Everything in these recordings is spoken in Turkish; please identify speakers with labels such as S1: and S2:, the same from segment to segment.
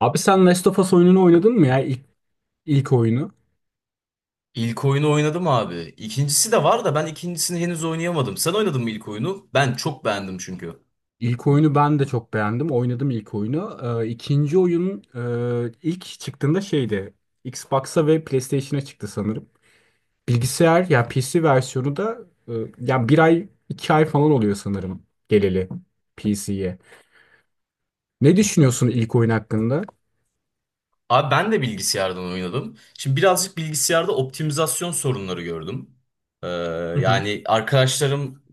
S1: Abi sen Last of Us oyununu oynadın mı ya? İlk oyunu.
S2: İlk oyunu oynadım abi. İkincisi de var da ben ikincisini henüz oynayamadım. Sen oynadın mı ilk oyunu? Ben çok beğendim çünkü.
S1: İlk oyunu ben de çok beğendim. Oynadım ilk oyunu. İkinci oyun ilk çıktığında şeydi. Xbox'a ve PlayStation'a çıktı sanırım. Bilgisayar ya PC versiyonu da e, ya bir ay iki ay falan oluyor sanırım geleli PC'ye. Ne düşünüyorsun ilk oyun hakkında?
S2: Abi ben de bilgisayardan oynadım. Şimdi birazcık bilgisayarda optimizasyon sorunları gördüm. Ee, Yani arkadaşlarım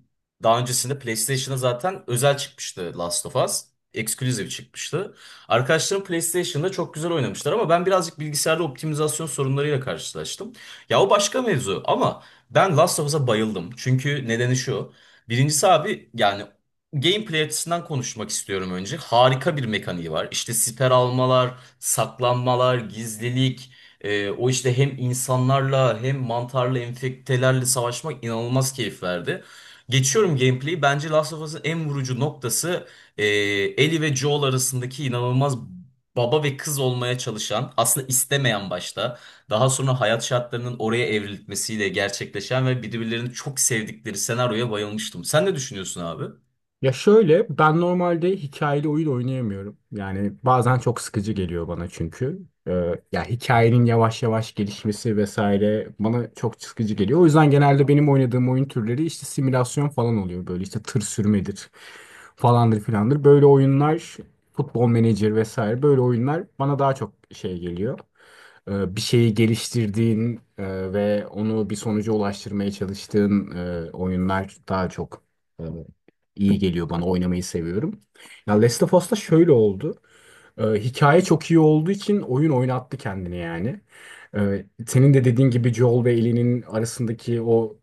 S2: daha öncesinde PlayStation'a zaten özel çıkmıştı Last of Us. Exclusive çıkmıştı. Arkadaşlarım PlayStation'da çok güzel oynamışlar ama ben birazcık bilgisayarda optimizasyon sorunlarıyla karşılaştım. Ya o başka mevzu ama ben Last of Us'a bayıldım. Çünkü nedeni şu. Birincisi abi yani gameplay açısından konuşmak istiyorum önce. Harika bir mekaniği var. İşte siper almalar, saklanmalar, gizlilik, o işte hem insanlarla hem mantarla, enfektelerle savaşmak inanılmaz keyif verdi. Geçiyorum gameplay'i. Bence Last of Us'ın en vurucu noktası Ellie ve Joel arasındaki inanılmaz baba ve kız olmaya çalışan, aslında istemeyen başta, daha sonra hayat şartlarının oraya evrilmesiyle gerçekleşen ve birbirlerini çok sevdikleri senaryoya bayılmıştım. Sen ne düşünüyorsun abi?
S1: Ya şöyle ben normalde hikayeli oyun oynayamıyorum. Yani bazen çok sıkıcı geliyor bana çünkü. Ee, ya hikayenin yavaş yavaş gelişmesi vesaire bana çok sıkıcı geliyor. O yüzden genelde benim oynadığım oyun türleri işte simülasyon falan oluyor. Böyle işte tır sürmedir falandır filandır. Böyle oyunlar futbol menajer vesaire böyle oyunlar bana daha çok şey geliyor. Bir şeyi geliştirdiğin ve onu bir sonuca ulaştırmaya çalıştığın oyunlar daha çok e, iyi geliyor bana oynamayı seviyorum. Ya Last of Us'ta şöyle oldu. Hikaye çok iyi olduğu için oyun oynattı kendini yani. Senin de dediğin gibi Joel ve Ellie'nin arasındaki o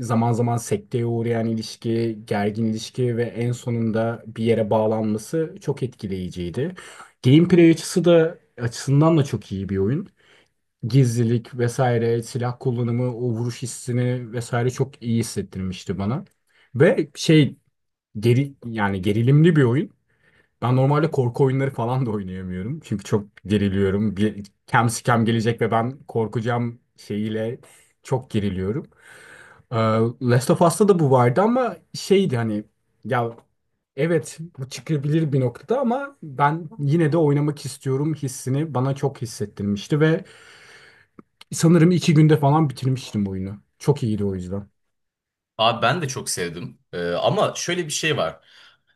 S1: zaman zaman sekteye uğrayan ilişki, gergin ilişki ve en sonunda bir yere bağlanması çok etkileyiciydi. Gameplay açısından da çok iyi bir oyun. Gizlilik vesaire, silah kullanımı, o vuruş hissini vesaire çok iyi hissettirmişti bana. Ve şey geri yani gerilimli bir oyun. Ben normalde korku oyunları falan da oynayamıyorum. Çünkü çok geriliyorum. Bir kem sikem gelecek ve ben korkacağım şeyiyle çok geriliyorum. Ee, Last of Us'ta da bu vardı ama şeydi hani ya evet bu çıkabilir bir noktada ama ben yine de oynamak istiyorum hissini bana çok hissettirmişti ve sanırım iki günde falan bitirmiştim oyunu. Çok iyiydi o yüzden.
S2: Abi ben de çok sevdim. Ama şöyle bir şey var.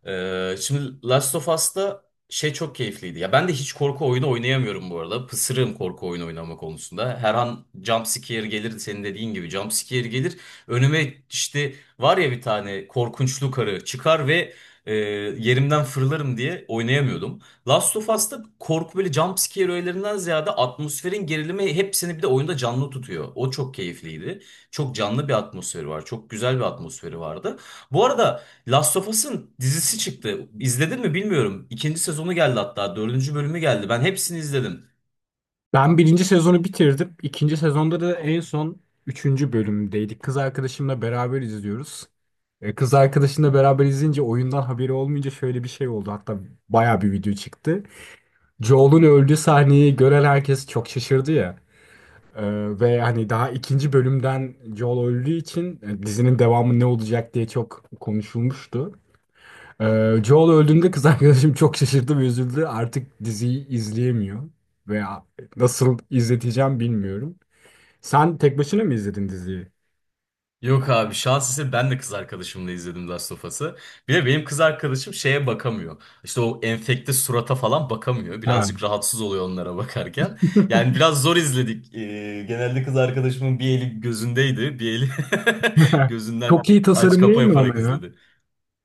S2: Şimdi Last of Us'ta şey çok keyifliydi. Ya ben de hiç korku oyunu oynayamıyorum bu arada. Pısırığım korku oyunu oynama konusunda. Her an jump scare gelir senin dediğin gibi jump scare gelir. Önüme işte var ya bir tane korkunçlu karı çıkar ve e, yerimden fırlarım diye oynayamıyordum. Last of Us'ta korku böyle jump scare öğelerinden ziyade atmosferin gerilimi hepsini bir de oyunda canlı tutuyor. O çok keyifliydi. Çok canlı bir atmosferi var. Çok güzel bir atmosferi vardı. Bu arada Last of Us'ın dizisi çıktı. İzledin mi bilmiyorum. İkinci sezonu geldi hatta. Dördüncü bölümü geldi. Ben hepsini izledim.
S1: Ben birinci sezonu bitirdim. İkinci sezonda da en son üçüncü bölümdeydik. Kız arkadaşımla beraber izliyoruz. Kız arkadaşımla beraber izleyince oyundan haberi olmayınca şöyle bir şey oldu. Hatta baya bir video çıktı. Joel'un öldüğü sahneyi gören herkes çok şaşırdı ya. E, ve hani daha ikinci bölümden Joel öldüğü için dizinin devamı ne olacak diye çok konuşulmuştu. Ee, Joel öldüğünde kız arkadaşım çok şaşırdı ve üzüldü. Artık diziyi izleyemiyor veya nasıl izleteceğim bilmiyorum. Sen tek başına mı izledin diziyi?
S2: Yok abi şans ise ben de kız arkadaşımla izledim Last of Us'ı. Bir de benim kız arkadaşım şeye bakamıyor. İşte o enfekte surata falan bakamıyor.
S1: Ha.
S2: Birazcık rahatsız oluyor onlara bakarken. Yani biraz zor izledik. Genelde kız arkadaşımın bir eli gözündeydi. Bir eli gözünden
S1: Çok iyi
S2: aç
S1: tasarım
S2: kapa
S1: değil mi
S2: yaparak
S1: ama ya?
S2: izledi.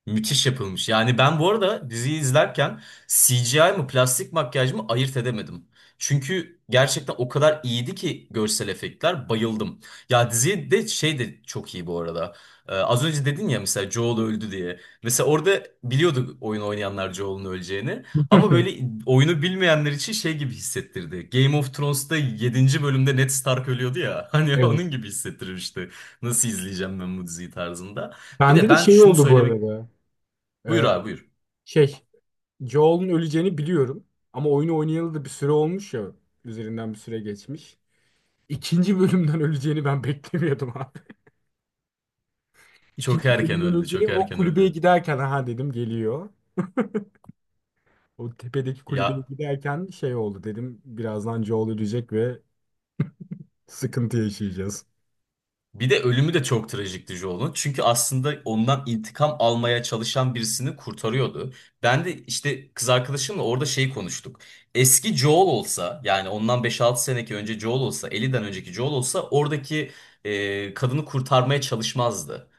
S2: Müthiş yapılmış. Yani ben bu arada diziyi izlerken CGI mı plastik makyaj mı ayırt edemedim. Çünkü gerçekten o kadar iyiydi ki görsel efektler bayıldım. Ya diziye de şey de çok iyi bu arada. Az önce dedin ya mesela Joel öldü diye. Mesela orada biliyordu oyun oynayanlar Joel'un öleceğini. Ama böyle oyunu bilmeyenler için şey gibi hissettirdi. Game of Thrones'ta yedinci bölümde Ned Stark ölüyordu ya. Hani
S1: Evet.
S2: onun gibi hissettirmişti. Nasıl izleyeceğim ben bu diziyi tarzında. Bir de
S1: Bende de
S2: ben
S1: şey
S2: şunu
S1: oldu bu
S2: söylemek.
S1: arada.
S2: Buyur
S1: Ee,
S2: abi buyur.
S1: şey, Joel'un öleceğini biliyorum. Ama oyunu oynayalı da bir süre olmuş ya. Üzerinden bir süre geçmiş. İkinci bölümden öleceğini ben beklemiyordum abi.
S2: Çok
S1: İkinci
S2: erken
S1: bölümden
S2: öldü,
S1: öleceğini
S2: çok
S1: o
S2: erken
S1: kulübeye
S2: öldü.
S1: giderken ha dedim geliyor. O tepedeki kulübeye
S2: Ya
S1: giderken şey oldu dedim birazdan Joel ölecek ve sıkıntı yaşayacağız.
S2: bir de ölümü de çok trajikti Joel'un. Çünkü aslında ondan intikam almaya çalışan birisini kurtarıyordu. Ben de işte kız arkadaşımla orada şey konuştuk. Eski Joel olsa yani ondan 5-6 seneki önce Joel olsa, 50'den önceki Joel olsa oradaki kadını kurtarmaya çalışmazdı.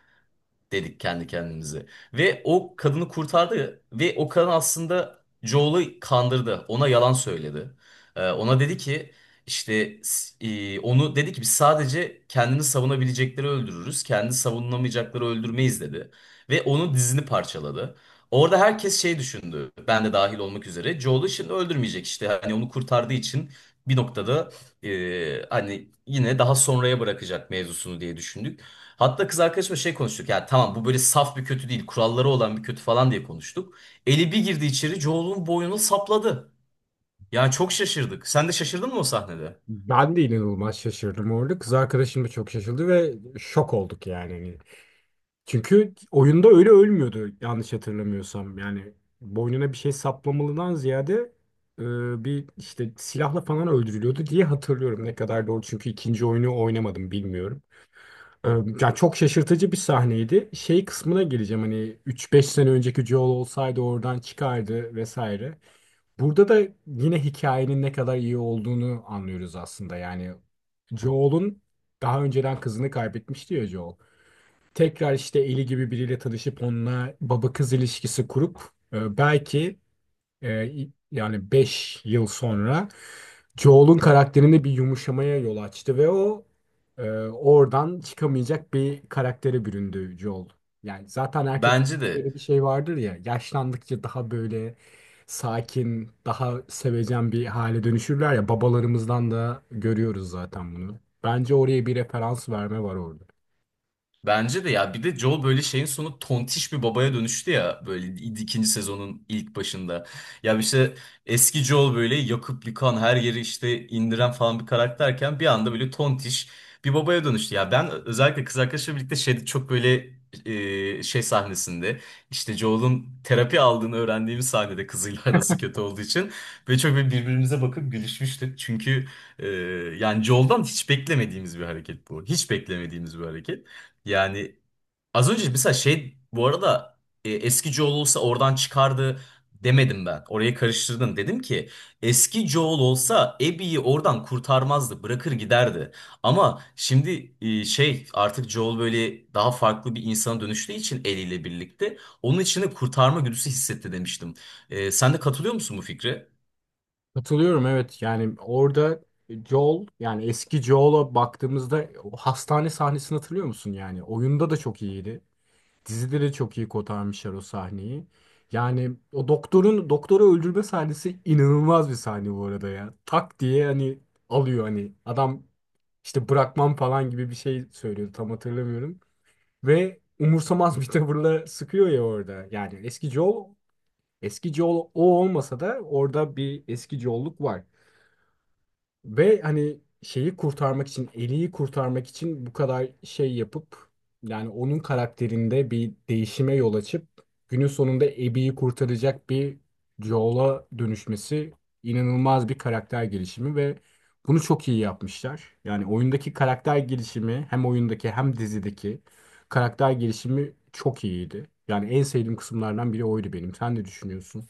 S2: dedik kendi kendimize. Ve o kadını kurtardı ve o kadın aslında Joel'ı kandırdı. Ona yalan söyledi. Ona dedi ki işte onu dedi ki biz sadece kendini savunabilecekleri öldürürüz. Kendini savunamayacakları öldürmeyiz dedi. Ve onun dizini parçaladı. Orada herkes şey düşündü. Ben de dahil olmak üzere. Joel'ı şimdi öldürmeyecek işte. Hani onu kurtardığı için bir noktada hani yine daha sonraya bırakacak mevzusunu diye düşündük. Hatta kız arkadaşımla şey konuştuk ya tamam bu böyle saf bir kötü değil kuralları olan bir kötü falan diye konuştuk. Eli bir girdi içeri Joel'un boynunu sapladı. Yani çok şaşırdık. Sen de şaşırdın mı o sahnede?
S1: Ben de inanılmaz şaşırdım orada. Kız arkadaşım da çok şaşırdı ve şok olduk yani. Hani çünkü oyunda öyle ölmüyordu yanlış hatırlamıyorsam. Yani boynuna bir şey saplamalıdan ziyade bir işte silahla falan öldürülüyordu diye hatırlıyorum. Ne kadar doğru çünkü ikinci oyunu oynamadım bilmiyorum. Ee, Ya çok şaşırtıcı bir sahneydi. Şey kısmına geleceğim hani üç beş sene önceki Joel olsaydı oradan çıkardı vesaire. Burada da yine hikayenin ne kadar iyi olduğunu anlıyoruz aslında. Yani Joel'un daha önceden kızını kaybetmişti ya Joel. Tekrar işte Ellie gibi biriyle tanışıp onunla baba kız ilişkisi kurup belki e, yani 5 yıl sonra Joel'un karakterinde bir yumuşamaya yol açtı ve o oradan çıkamayacak bir karaktere büründü Joel. Yani zaten erkek
S2: Bence de.
S1: böyle bir şey vardır ya yaşlandıkça daha böyle sakin, daha sevecen bir hale dönüşürler ya babalarımızdan da görüyoruz zaten bunu. Bence oraya bir referans verme var orada.
S2: Bence de ya bir de Joel böyle şeyin sonu tontiş bir babaya dönüştü ya böyle ikinci sezonun ilk başında. Ya işte eski Joel böyle yakıp yıkan her yeri işte indiren falan bir karakterken bir anda böyle tontiş bir babaya dönüştü. Ya ben özellikle kız arkadaşımla birlikte şeyde çok böyle şey sahnesinde işte Joel'un terapi aldığını öğrendiğimiz sahnede kızıyla arası kötü olduğu için böyle çok böyle birbirimize bakıp gülüşmüştük. Çünkü e, yani Joel'dan hiç beklemediğimiz bir hareket bu. Hiç beklemediğimiz bir hareket. Yani az önce mesela şey bu arada eski Joel olsa oradan çıkardı demedim ben. Orayı karıştırdın. Dedim ki eski Joel olsa Abby'yi oradan kurtarmazdı. Bırakır giderdi. Ama şimdi şey artık Joel böyle daha farklı bir insana dönüştüğü için eliyle birlikte onun içinde kurtarma güdüsü hissetti demiştim. Sen de katılıyor musun bu fikre?
S1: Katılıyorum evet yani orada Joel yani eski Joel'a baktığımızda o hastane sahnesini hatırlıyor musun yani oyunda da çok iyiydi. Dizide de çok iyi kotarmışlar o sahneyi. Yani o doktorun doktoru öldürme sahnesi inanılmaz bir sahne bu arada ya. Tak diye hani alıyor hani adam işte bırakmam falan gibi bir şey söylüyordu tam hatırlamıyorum. Ve umursamaz bir tavırla sıkıyor ya orada. Yani eski Joel o olmasa da orada bir eski Joel'luk var. Ve hani şeyi kurtarmak için, Ellie'yi kurtarmak için bu kadar şey yapıp yani onun karakterinde bir değişime yol açıp günün sonunda Abby'yi kurtaracak bir Joel'a dönüşmesi inanılmaz bir karakter gelişimi ve bunu çok iyi yapmışlar. Yani oyundaki karakter gelişimi hem oyundaki hem dizideki karakter gelişimi çok iyiydi. Yani en sevdiğim kısımlardan biri oydu benim. Sen ne düşünüyorsun?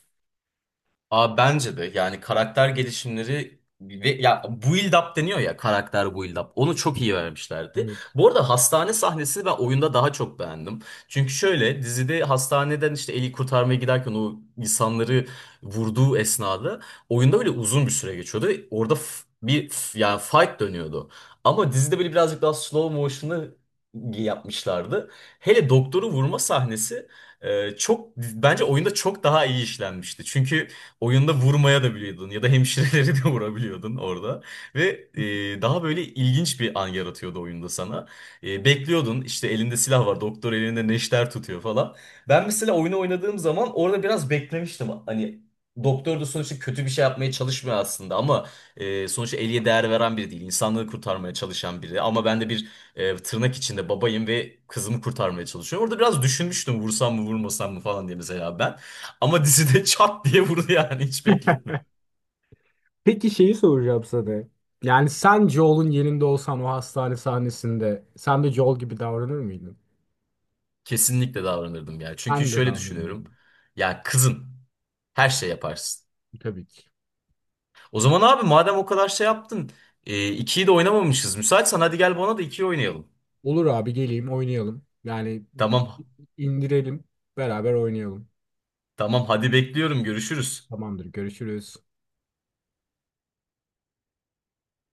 S2: Aa, bence de yani karakter gelişimleri ve ya build up deniyor ya karakter build up. Onu çok iyi vermişlerdi. Bu arada hastane sahnesini ben oyunda daha çok beğendim. Çünkü şöyle dizide hastaneden işte Eli kurtarmaya giderken o insanları vurduğu esnada oyunda böyle uzun bir süre geçiyordu, ve orada yani fight dönüyordu. Ama dizide böyle birazcık daha slow motion'ı yapmışlardı. Hele doktoru vurma sahnesi çok bence oyunda çok daha iyi işlenmişti. Çünkü oyunda vurmaya da biliyordun ya da hemşireleri de vurabiliyordun orada. Ve daha böyle ilginç bir an yaratıyordu oyunda sana. Bekliyordun işte elinde silah var doktor elinde neşter tutuyor falan. Ben mesela oyunu oynadığım zaman orada biraz beklemiştim. Hani doktor da sonuçta kötü bir şey yapmaya çalışmıyor aslında ama sonuçta Ellie'ye değer veren biri değil. İnsanlığı kurtarmaya çalışan biri ama ben de bir tırnak içinde babayım ve kızımı kurtarmaya çalışıyorum. Orada biraz düşünmüştüm vursam mı vurmasam mı falan diye mesela ben. Ama dizide çat diye vurdu yani hiç bekletmedim.
S1: Peki şeyi soracağım sana. Yani sen Joel'un yerinde olsan o hastane sahnesinde sen de Joel gibi davranır mıydın?
S2: Kesinlikle davranırdım ya. Çünkü
S1: Ben de
S2: şöyle düşünüyorum.
S1: davranırdım.
S2: Ya kızın her şey yaparsın.
S1: Tabii ki.
S2: O zaman abi madem o kadar şey yaptın. İkiyi de oynamamışız. Müsaitsen hadi gel bana da ikiyi oynayalım.
S1: Olur abi geleyim oynayalım. Yani
S2: Tamam.
S1: indirelim beraber oynayalım.
S2: Tamam hadi bekliyorum. Görüşürüz.
S1: Tamamdır görüşürüz.